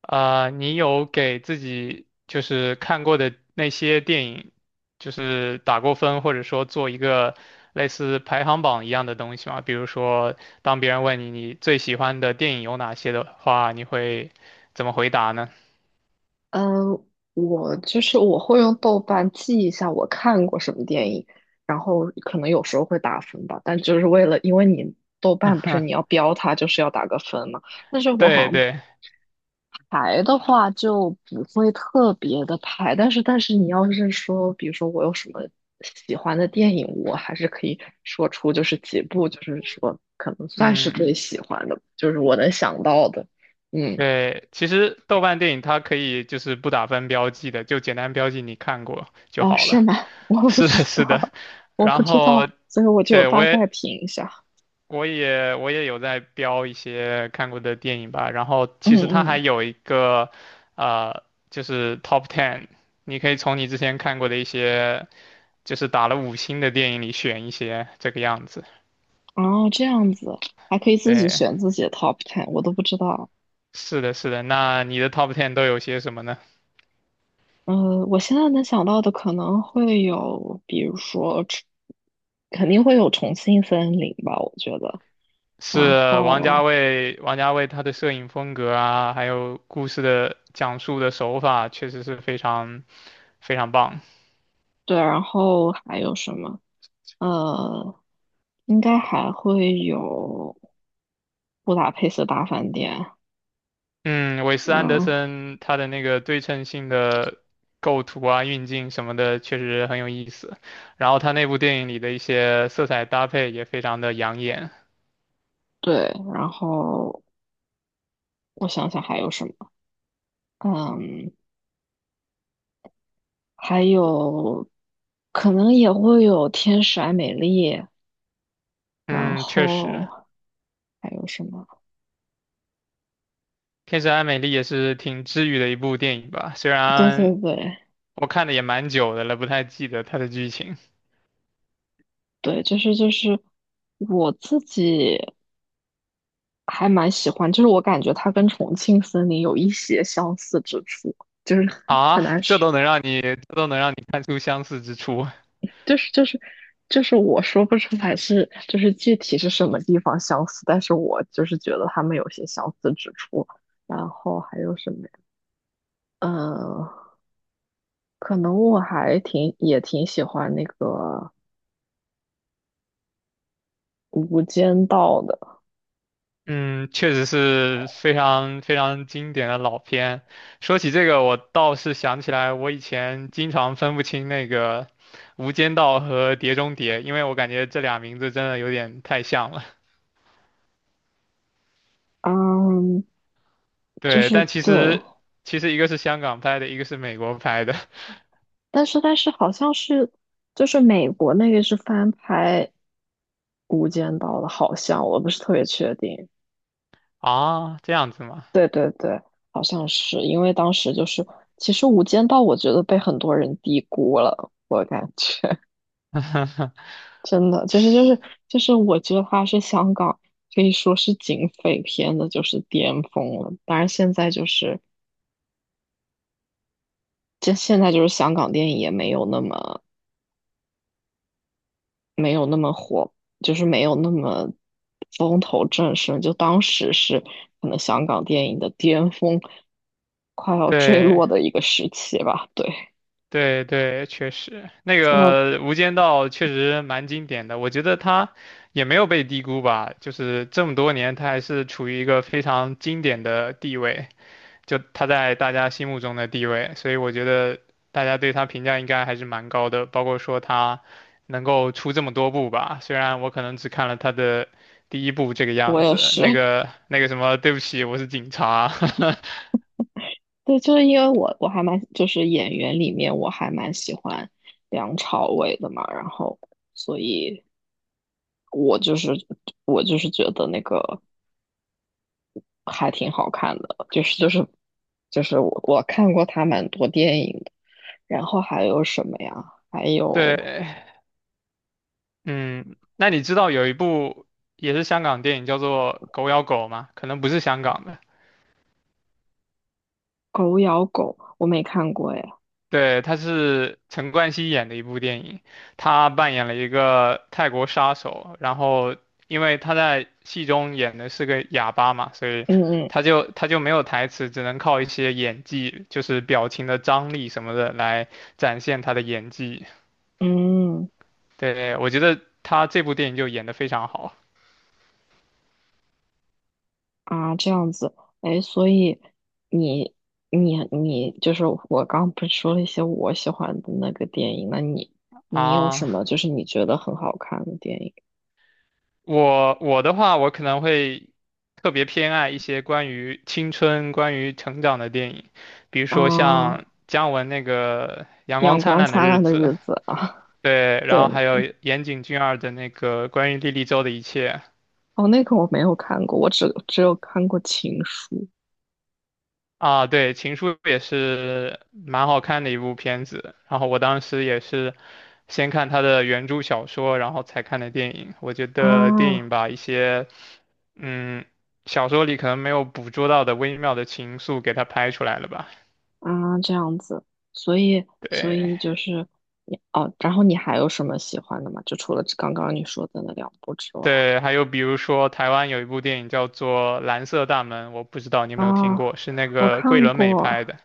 啊、你有给自己看过的那些电影，打过分，或者说做一个类似排行榜一样的东西吗？比如说，当别人问你最喜欢的电影有哪些的话，你会怎么回答呢？嗯，我就是我会用豆瓣记一下我看过什么电影，然后可能有时候会打分吧，但就是为了，因为你豆瓣不是你要 标它，就是要打个分嘛。但是我好对像对，排的话就不会特别的排，但是你要是说，比如说我有什么喜欢的电影，我还是可以说出就是几部，就是说可能算是嗯，最喜欢的，就是我能想到的，嗯。对，其实豆瓣电影它可以不打分标记的，就简单标记你看过就哦，好了。是吗？我 不是的，知是的，道，我然不知道，后所以我就对我大也概评一下。有在标一些看过的电影吧，然后嗯其实它还嗯，有一个，呃，就是 Top Ten，你可以从你之前看过的一些，就是打了5星的电影里选一些，这个样子。哦，这样子还可以自己对，选自己的 top ten，我都不知道。是的，是的。那你的 Top Ten 都有些什么呢？呃，我现在能想到的可能会有，比如说重，肯定会有重庆森林吧，我觉得。然是王家后卫，王家卫他的摄影风格啊，还有故事的讲述的手法，确实是非常非常棒。对，然后还有什么？呃，应该还会有布达佩斯大饭店。嗯，韦斯安德嗯，森他的那个对称性的构图啊、运镜什么的，确实很有意思。然后他那部电影里的一些色彩搭配也非常的养眼。对，然后我想想还有什么。嗯，还有可能也会有天使爱美丽，然嗯，确后实，还有什么？《天使爱美丽》也是挺治愈的一部电影吧。虽对对然对我看的也蛮久的了，不太记得它的剧情对，就是我自己还蛮喜欢，就是我感觉它跟重庆森林有一些相似之处，就是 很啊，难这说，都能让你，这都能让你看出相似之处。就是就是就是我说不出来是就是具体是什么地方相似，但是我就是觉得他们有些相似之处，然后还有什么呀？嗯。可能我还挺也挺喜欢那个《无间道》的，嗯，确实是非常非常经典的老片。说起这个，我倒是想起来，我以前经常分不清那个《无间道》和《碟中谍》，因为我感觉这俩名字真的有点太像了。嗯，就对，是但其对，实一个是香港拍的，一个是美国拍的。 但是好像是就是美国那个是翻拍《无间道》的，好像我不是特别确定。啊，这样子吗？对对对，好像是因为当时就是其实《无间道》我觉得被很多人低估了，我感觉 真的就是我觉得它是香港。可以说是警匪片的，就是巅峰了。当然，现在就是这现在就是香港电影也没有那么没有那么火，就是没有那么风头正盛。就当时是可能香港电影的巅峰，快要坠对，落的一个时期吧。对，对对，确实，那现在个《无间道》确实蛮经典的，我觉得他也没有被低估吧，就是这么多年，他还是处于一个非常经典的地位，就他在大家心目中的地位，所以我觉得大家对他评价应该还是蛮高的，包括说他能够出这么多部吧，虽然我可能只看了他的第一部这个我样也子，是，那个什么，对不起，我是警察。对，就是因为我还蛮就是演员里面我还蛮喜欢梁朝伟的嘛，然后所以我就是我就是觉得那个。还挺好看的，就是我看过他蛮多电影的，然后还有什么呀？还 有对。嗯，那你知道有一部也是香港电影叫做《狗咬狗》吗？可能不是香港的，《狗咬狗》，我没看过哎。对，它是陈冠希演的一部电影，他扮演了一个泰国杀手，然后因为他在戏中演的是个哑巴嘛，所以嗯他就没有台词，只能靠一些演技，就是表情的张力什么的来展现他的演技。嗯嗯对，我觉得他这部电影就演得非常好啊，这样子，哎，所以你你就是我刚不是说了一些我喜欢的那个电影，那你你有什啊。么就是你觉得很好看的电影我的话，我可能会特别偏爱一些关于青春、关于成长的电影，比如啊？说像姜文那个《阳光阳灿光烂的灿日烂的子》，日子》啊，对，然后对。还有岩井俊二的那个关于莉莉周的一切哦，那个我没有看过，我只有看过《情书》。啊，对，《情书》也是蛮好看的一部片子，然后我当时也是先看他的原著小说，然后才看的电影。我觉得电影啊把一些。嗯，小说里可能没有捕捉到的微妙的情愫给它拍出来了吧？啊，这样子，所以所对以就是你哦，然后你还有什么喜欢的吗？就除了这刚刚你说的那两部之外，对，还有比如说台湾有一部电影叫做《蓝色大门》，我不知道你有没有听过，啊，是那我个桂看纶镁拍过，的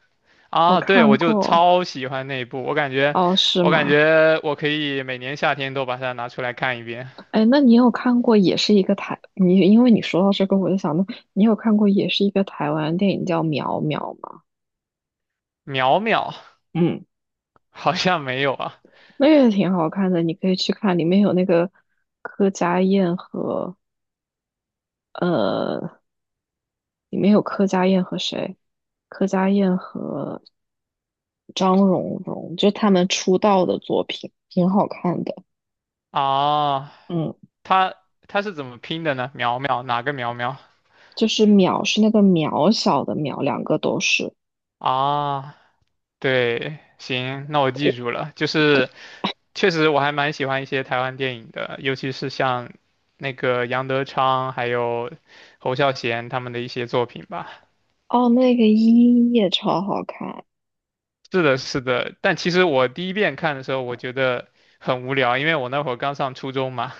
我啊。对，看我就过，超喜欢那一部，哦，是我感吗？觉我可以每年夏天都把它拿出来看一遍。哎，那你有看过也是一个台，你因为你说到这个，我就想到你有看过也是一个台湾电影叫《苗苗》吗？苗苗嗯，好像没有啊那个也挺好看的，你可以去看，里面有那个柯佳燕和。呃。里面有柯佳燕和谁？柯佳燕和张荣荣，就是他们出道的作品，挺好看的。啊，嗯，它它是怎么拼的呢？苗苗哪个苗苗就是渺是那个渺小的渺，两个都是。啊？对，行，那我记住了。就对，是确实我还蛮喜欢一些台湾电影的，尤其是像那个杨德昌还有侯孝贤他们的一些作品吧。哦，那个一也超好看。是的，是的。但其实我第一遍看的时候，我觉得很无聊，因为我那会儿刚上初中嘛。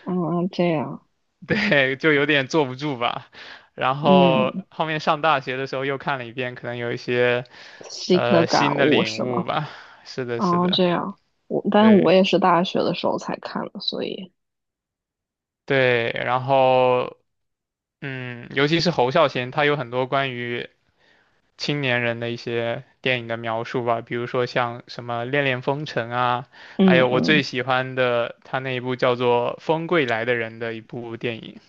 嗯，这样，对，就有点坐不住吧。然后嗯，后面上大学的时候又看了一遍，可能有一些新的感新的悟领是悟吗？吧。是的，是哦，的，这样，我，但我对也是大学的时候才看的，所以，对。然后嗯，尤其是侯孝贤，他有很多关于青年人的一些电影的描述吧，比如说像什么《恋恋风尘》啊，还嗯有我最嗯，喜欢的他那一部叫做《风归来的人》的一部电影。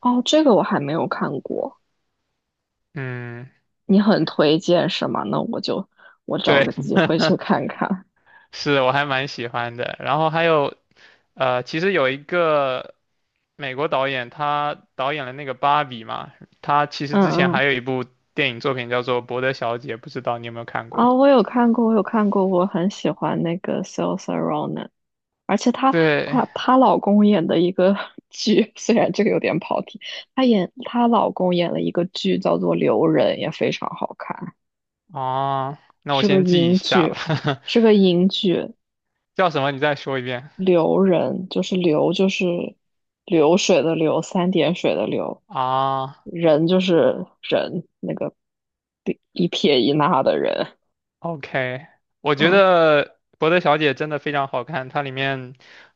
哦，这个我还没有看过，嗯，你很推荐是吗？那我就我找对，个机会去看看。是我还蛮喜欢的。然后还有其实有一个美国导演，他导演了那个《芭比》嘛，他其实嗯之前嗯，还有一部电影作品叫做《伯德小姐》，不知道你有没有看过？啊、我有看过，我有看过，我很喜欢那个 Saoirse Ronan 而且她对，她老公演的一个 剧，虽然这个有点跑题，她演她老公演了一个剧叫做《留人》，也非常好看，啊，那我是个先记一英下剧，吧。是个英剧，叫什么？你再说一遍《留人》就是流就是流水的流，三点水的流，啊。哦 人就是人，那个一撇一捺的人，OK，我觉嗯得《伯德小姐》真的非常好看，它里面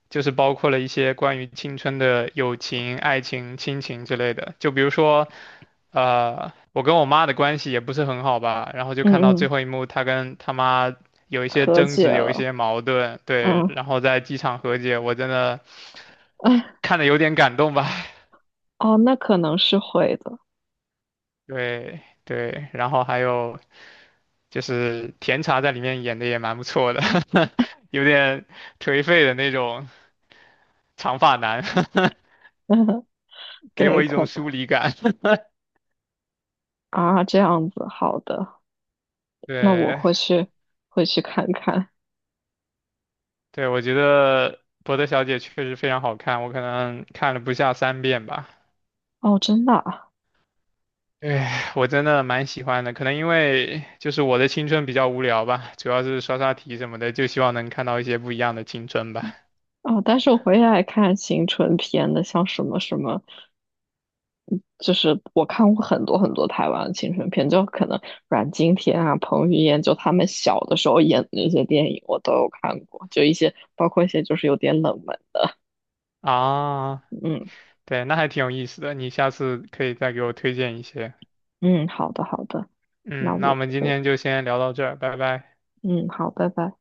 就是包括了一些关于青春的友情、爱情、亲情之类的。就比如说，我跟我妈的关系也不是很好吧，然后就嗯看到最嗯，后一幕，她跟她妈有一些和争解执，有一了。些矛盾，对，嗯，然后在机场和解，我真的哎，看的有点感动吧。哦，那可能是会的，对对，然后还有就是甜茶在里面演的也蛮不错的，有点颓废的那种长发男。嗯，给我对，一可种能疏离感。啊，这样子，好的，那我对会去会去看看。对，我觉得博德小姐确实非常好看，我可能看了不下3遍吧。哦，真的啊，哎，我真的蛮喜欢的，可能因为就是我的青春比较无聊吧，主要是刷刷题什么的，就希望能看到一些不一样的青春吧。哦，但是我回来看青春片的，像什么什么，就是我看过很多很多台湾的青春片，就可能阮经天啊、彭于晏，就他们小的时候演的那些电影，我都有看过，就一些包括一些就是有点冷门的，啊，嗯对，那还挺有意思的，你下次可以再给我推荐一些。嗯，好的好的，那嗯，那我我们今我天就先聊到这儿，拜拜。嗯好，拜拜。